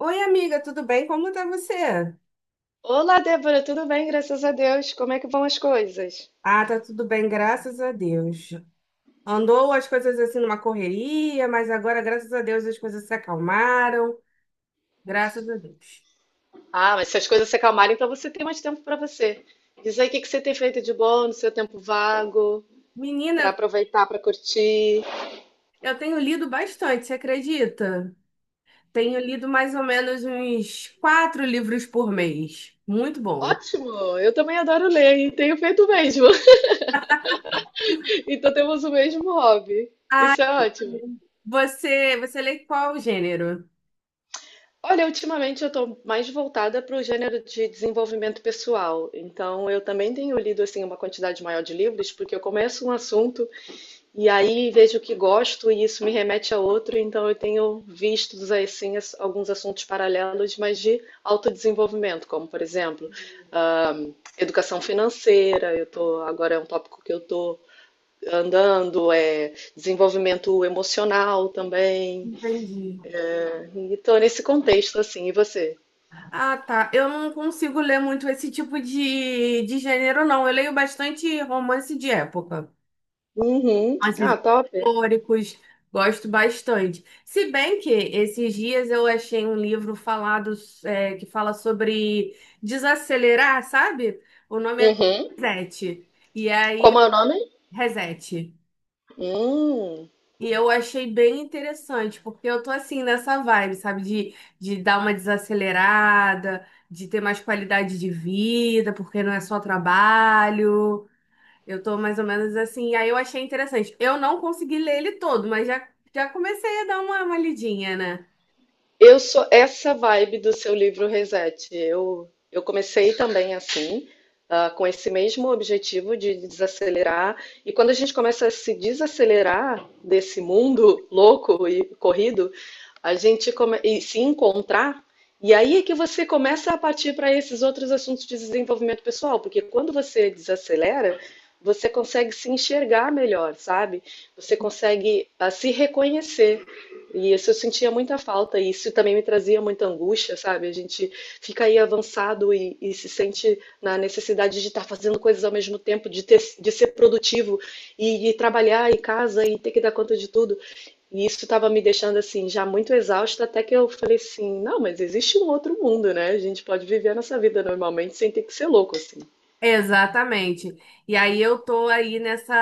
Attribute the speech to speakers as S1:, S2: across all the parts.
S1: Oi, amiga, tudo bem? Como tá você?
S2: Olá, Débora, tudo bem? Graças a Deus. Como é que vão as coisas?
S1: Ah, tá tudo bem, graças a Deus. Andou as coisas assim numa correria, mas agora, graças a Deus, as coisas se acalmaram. Graças a Deus.
S2: Ah, mas se as coisas se acalmarem, então você tem mais tempo para você. Diz aí o que que você tem feito de bom no seu tempo vago, para
S1: Menina,
S2: aproveitar, para curtir.
S1: eu tenho lido bastante, você acredita? Tenho lido mais ou menos uns quatro livros por mês. Muito bom.
S2: Ótimo! Eu também adoro ler e tenho feito o mesmo. Então temos o mesmo hobby. Isso é ótimo.
S1: Você lê qual gênero?
S2: Olha, ultimamente eu estou mais voltada para o gênero de desenvolvimento pessoal. Então eu também tenho lido assim uma quantidade maior de livros, porque eu começo um assunto. E aí vejo o que gosto e isso me remete a outro, então eu tenho visto assim, alguns assuntos paralelos, mas de autodesenvolvimento, como por exemplo, ah, educação financeira, eu tô, agora é um tópico que eu estou andando, é desenvolvimento emocional também.
S1: Entendi.
S2: Né? E estou nesse contexto assim, e você?
S1: Ah, tá. Eu não consigo ler muito esse tipo de gênero, não. Eu leio bastante romance de época.
S2: Uhum. Ah,
S1: Romances
S2: top.
S1: históricos, gosto bastante. Se bem que esses dias eu achei um livro falado, que fala sobre desacelerar, sabe? O nome é
S2: Uhum.
S1: Reset. E aí,
S2: Como é o nome?
S1: Reset.
S2: Hum.
S1: E eu achei bem interessante, porque eu tô assim nessa vibe, sabe? De dar uma desacelerada, de ter mais qualidade de vida, porque não é só trabalho. Eu tô mais ou menos assim. E aí eu achei interessante. Eu não consegui ler ele todo, mas já comecei a dar uma lidinha, né?
S2: Eu sou essa vibe do seu livro Reset. Eu comecei também assim, ah, com esse mesmo objetivo de desacelerar. E quando a gente começa a se desacelerar desse mundo louco e corrido, a gente e se encontrar. E aí é que você começa a partir para esses outros assuntos de desenvolvimento pessoal, porque quando você desacelera, você consegue se enxergar melhor, sabe? Você consegue ah, se reconhecer. E isso eu sentia muita falta, e isso também me trazia muita angústia, sabe? A gente fica aí avançado e se sente na necessidade de estar fazendo coisas ao mesmo tempo, de ser produtivo e trabalhar em casa e ter que dar conta de tudo. E isso estava me deixando assim, já muito exausta, até que eu falei assim: não, mas existe um outro mundo, né? A gente pode viver a nossa vida normalmente sem ter que ser louco assim.
S1: Exatamente. E aí eu tô aí nessa,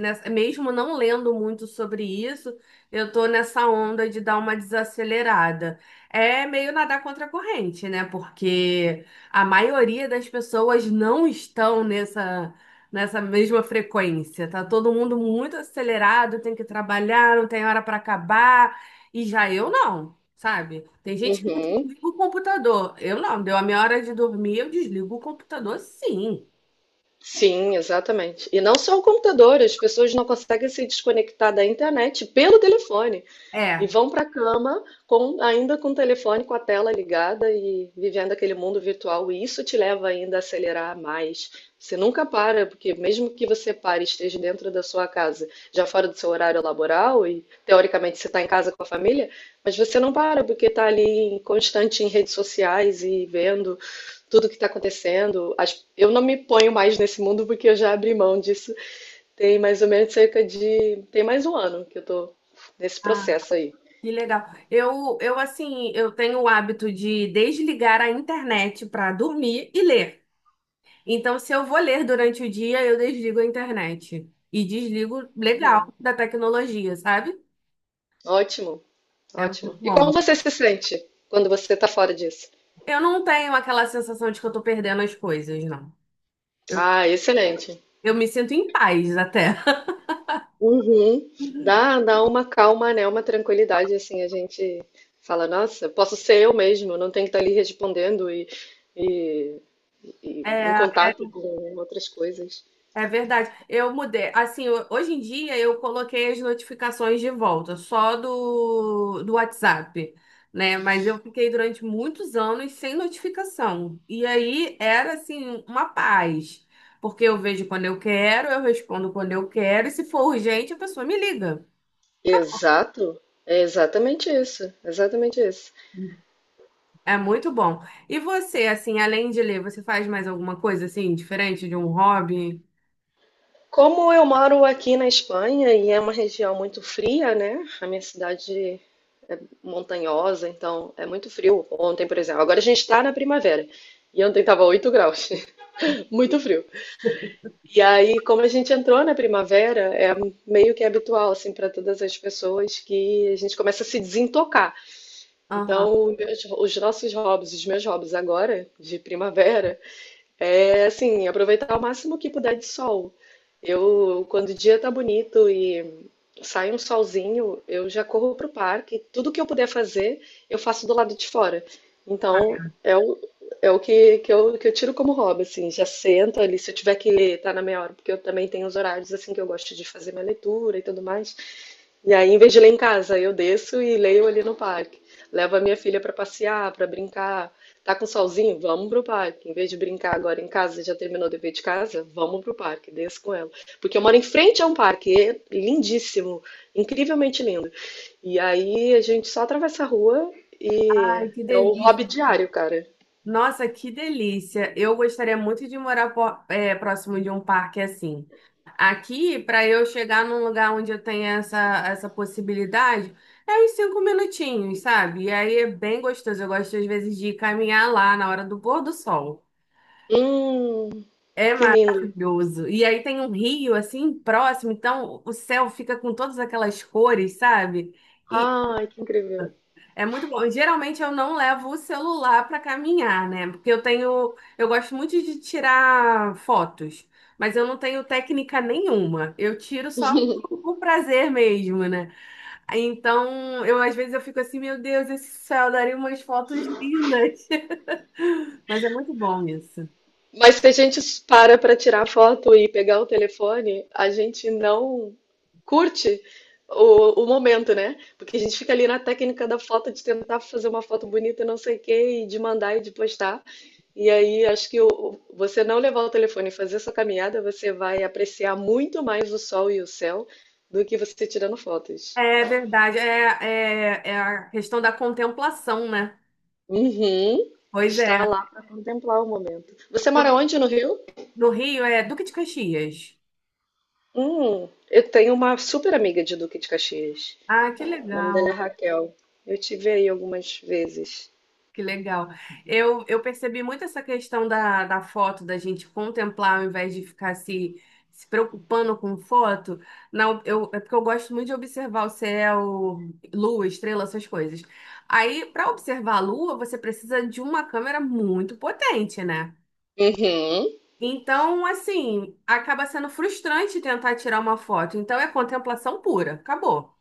S1: nessa, mesmo não lendo muito sobre isso, eu tô nessa onda de dar uma desacelerada. É meio nadar contra a corrente, né? Porque a maioria das pessoas não estão nessa, nessa mesma frequência. Tá todo mundo muito acelerado, tem que trabalhar, não tem hora para acabar, e já eu não. Sabe? Tem gente que
S2: Uhum.
S1: desliga o computador. Eu não, deu a minha hora de dormir, eu desligo o computador, sim.
S2: Sim, exatamente. E não só o computador, as pessoas não conseguem se desconectar da internet pelo telefone. E
S1: É.
S2: vão para a cama ainda com o telefone, com a tela ligada e vivendo aquele mundo virtual. E isso te leva ainda a acelerar mais. Você nunca para, porque mesmo que você pare e esteja dentro da sua casa, já fora do seu horário laboral, e teoricamente você está em casa com a família, mas você não para, porque está ali constante em redes sociais e vendo tudo que está acontecendo. Eu não me ponho mais nesse mundo porque eu já abri mão disso. Tem mais ou menos cerca de. Tem mais um ano que eu estou nesse
S1: Ah,
S2: processo aí.
S1: que legal. Eu assim, eu tenho o hábito de desligar a internet para dormir e ler. Então, se eu vou ler durante o dia, eu desligo a internet. E desligo legal da tecnologia, sabe?
S2: Ótimo,
S1: É muito
S2: ótimo. E como
S1: bom.
S2: você se sente quando você está fora disso?
S1: Eu não tenho aquela sensação de que eu tô perdendo as coisas, não.
S2: Ah, excelente.
S1: Eu me sinto em paz até.
S2: Uhum. Dá uma calma, né? Uma tranquilidade, assim, a gente fala, nossa, posso ser eu mesmo, não tenho que estar ali respondendo e, e em
S1: É,
S2: contato com outras coisas.
S1: é verdade. Eu mudei. Assim, hoje em dia eu coloquei as notificações de volta, só do WhatsApp, né? Mas eu fiquei durante muitos anos sem notificação. E aí era assim uma paz, porque eu vejo quando eu quero, eu respondo quando eu quero, e se for urgente, a pessoa me liga. Acabou.
S2: Exato, é exatamente isso, exatamente isso.
S1: É muito bom. E você, assim, além de ler, você faz mais alguma coisa assim diferente de um hobby?
S2: Como eu moro aqui na Espanha e é uma região muito fria, né? A minha cidade é montanhosa, então é muito frio. Ontem, por exemplo, agora a gente está na primavera e ontem estava 8 graus, muito frio. E aí, como a gente entrou na primavera, é meio que habitual assim para todas as pessoas que a gente começa a se desintocar.
S1: Aham.
S2: Então, os nossos hobbies, os meus hobbies agora de primavera, é assim, aproveitar ao máximo que puder de sol. Eu, quando o dia tá bonito e sai um solzinho, eu já corro pro parque. Tudo que eu puder fazer, eu faço do lado de fora. Então, é o que, que eu tiro como hobby, assim. Já sento ali, se eu tiver que estar na meia hora, porque eu também tenho os horários, assim, que eu gosto de fazer minha leitura e tudo mais. E aí, em vez de ler em casa, eu desço e leio ali no parque. Levo a minha filha para passear, para brincar. Tá com solzinho? Vamos pro parque. Em vez de brincar agora em casa, você já terminou o dever de casa? Vamos pro parque, desça com ela. Porque eu moro em frente a um parque, é lindíssimo, incrivelmente lindo. E aí a gente só atravessa a rua e
S1: Ai, que
S2: é o
S1: delícia.
S2: hobby diário, cara.
S1: Nossa, que delícia! Eu gostaria muito de morar próximo de um parque assim. Aqui, para eu chegar num lugar onde eu tenha essa, essa possibilidade, é uns cinco minutinhos, sabe? E aí é bem gostoso. Eu gosto, às vezes, de caminhar lá na hora do pôr do sol.
S2: Hum,
S1: É
S2: que lindo.
S1: maravilhoso. E aí tem um rio assim próximo, então o céu fica com todas aquelas cores, sabe?
S2: Ai, que incrível.
S1: É muito bom. E geralmente eu não levo o celular para caminhar, né? Porque eu tenho, eu gosto muito de tirar fotos, mas eu não tenho técnica nenhuma. Eu tiro só por prazer mesmo, né? Então, eu às vezes eu fico assim, meu Deus, esse céu daria umas fotos lindas. Mas é muito bom isso.
S2: Mas se a gente para para tirar foto e pegar o telefone, a gente não curte o momento, né? Porque a gente fica ali na técnica da foto de tentar fazer uma foto bonita, e não sei o quê, e de mandar e de postar. E aí acho que você não levar o telefone e fazer essa caminhada, você vai apreciar muito mais o sol e o céu do que você tirando fotos.
S1: É verdade, é a questão da contemplação, né?
S2: Uhum.
S1: Pois
S2: Está
S1: é.
S2: lá para contemplar o momento. Você mora onde no Rio?
S1: No Rio é Duque de Caxias.
S2: Eu tenho uma super amiga de Duque de Caxias.
S1: Ah, que
S2: O nome dela é
S1: legal.
S2: Raquel. Eu tive aí algumas vezes.
S1: Que legal. Eu percebi muito essa questão da, da foto, da gente contemplar ao invés de ficar se preocupando com foto. Não, eu, é porque eu gosto muito de observar o céu, lua, estrela, essas coisas. Aí, para observar a lua, você precisa de uma câmera muito potente, né?
S2: Uhum.
S1: Então, assim, acaba sendo frustrante tentar tirar uma foto. Então, é contemplação pura. Acabou.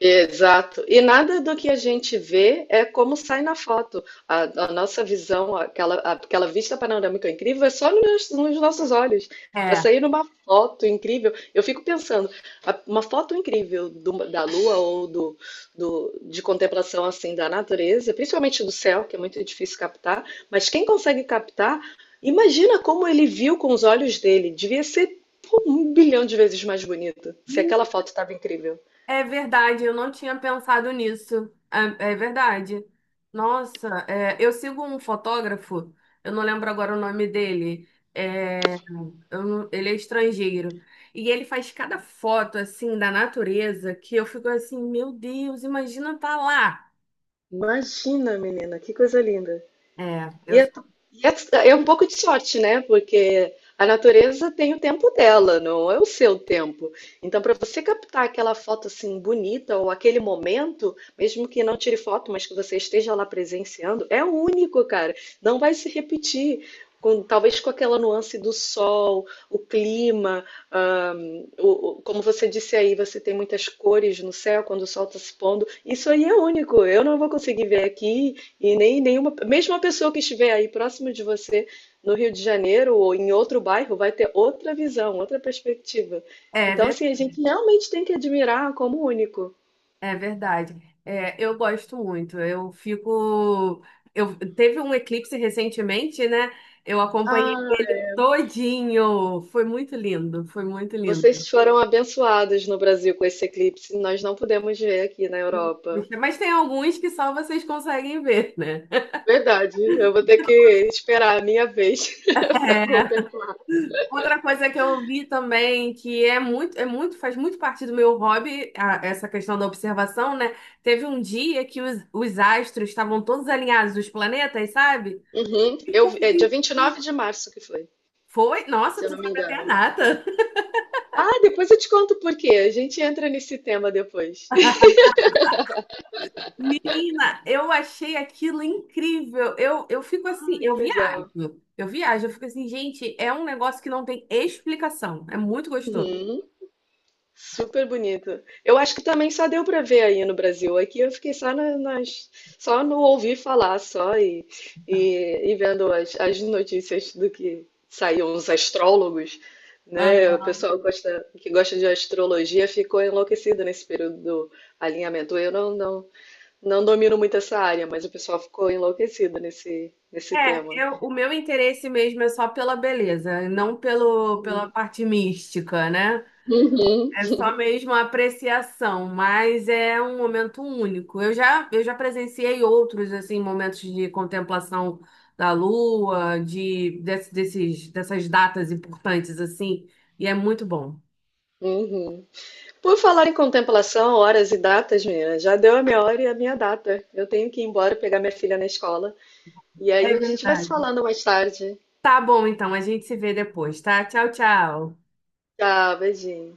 S2: Exato. E nada do que a gente vê é como sai na foto. A nossa visão, aquela vista panorâmica incrível, é só nos nossos olhos. Para
S1: É.
S2: sair numa foto incrível, eu fico pensando, uma foto incrível da lua ou de contemplação assim da natureza, principalmente do céu, que é muito difícil captar, mas quem consegue captar, imagina como ele viu com os olhos dele. Devia ser pô, um bilhão de vezes mais bonito, se aquela foto estava incrível.
S1: É verdade, eu não tinha pensado nisso. É verdade. Eu sigo um fotógrafo, eu não lembro agora o nome dele. é, eu não- ele é estrangeiro. E ele faz cada foto assim da natureza que eu fico assim, meu Deus, imagina tá lá.
S2: Imagina, menina, que coisa linda!
S1: É, eu,
S2: E é, É um pouco de sorte, né? Porque a natureza tem o tempo dela, não é o seu tempo. Então, para você captar aquela foto assim bonita ou aquele momento, mesmo que não tire foto, mas que você esteja lá presenciando, é único, cara. Não vai se repetir. Talvez com aquela nuance do sol, o clima, como você disse aí, você tem muitas cores no céu quando o sol está se pondo. Isso aí é único. Eu não vou conseguir ver aqui. E nem nenhuma, mesmo a pessoa que estiver aí próximo de você no Rio de Janeiro ou em outro bairro vai ter outra visão, outra perspectiva. Então,
S1: é
S2: assim, a gente realmente tem que admirar como único.
S1: É verdade. É, eu gosto muito. Eu fico. Eu teve um eclipse recentemente, né? Eu acompanhei
S2: Ah,
S1: ele todinho. Foi muito lindo, foi muito lindo.
S2: vocês foram abençoados no Brasil com esse eclipse, nós não podemos ver aqui na Europa.
S1: Mas tem alguns que só vocês conseguem ver, né?
S2: Verdade, eu vou ter que esperar a minha vez para
S1: É,
S2: contemplar.
S1: outra coisa que eu vi também, que é muito, faz muito parte do meu hobby, essa questão da observação, né? Teve um dia que os astros estavam todos alinhados, os planetas, sabe?
S2: Uhum.
S1: Que coisa,
S2: É dia
S1: hein?
S2: 29 de março que foi,
S1: Foi,
S2: se
S1: nossa,
S2: eu
S1: tu
S2: não me
S1: sabe até a
S2: engano.
S1: data.
S2: Ah, depois eu te conto por quê. A gente entra nesse tema depois.
S1: Menina, eu achei aquilo incrível. Eu fico assim, eu
S2: Que
S1: viajo.
S2: legal.
S1: Eu viajo, eu fico assim, gente, é um negócio que não tem explicação. É muito gostoso.
S2: Uhum, super bonito. Eu acho que também só deu para ver aí no Brasil. Aqui eu fiquei só só no ouvir falar só e vendo as notícias do que saíam os astrólogos, né?
S1: Aham.
S2: O pessoal que gosta de astrologia ficou enlouquecido nesse período do alinhamento. Eu não domino muito essa área, mas o pessoal ficou enlouquecido nesse
S1: É,
S2: tema.
S1: o meu interesse mesmo é só pela beleza, não pelo, pela parte mística, né?
S2: Uhum,
S1: É só mesmo a apreciação, mas é um momento único. Eu já presenciei outros assim momentos de contemplação da lua, desses, dessas datas importantes assim, e é muito bom.
S2: uhum. Por falar em contemplação, horas e datas, menina, já deu a minha hora e a minha data. Eu tenho que ir embora pegar minha filha na escola. E
S1: É
S2: aí a gente vai se
S1: verdade.
S2: falando mais tarde.
S1: Tá bom, então, a gente se vê depois, tá? Tchau, tchau.
S2: Tchau, beijinho.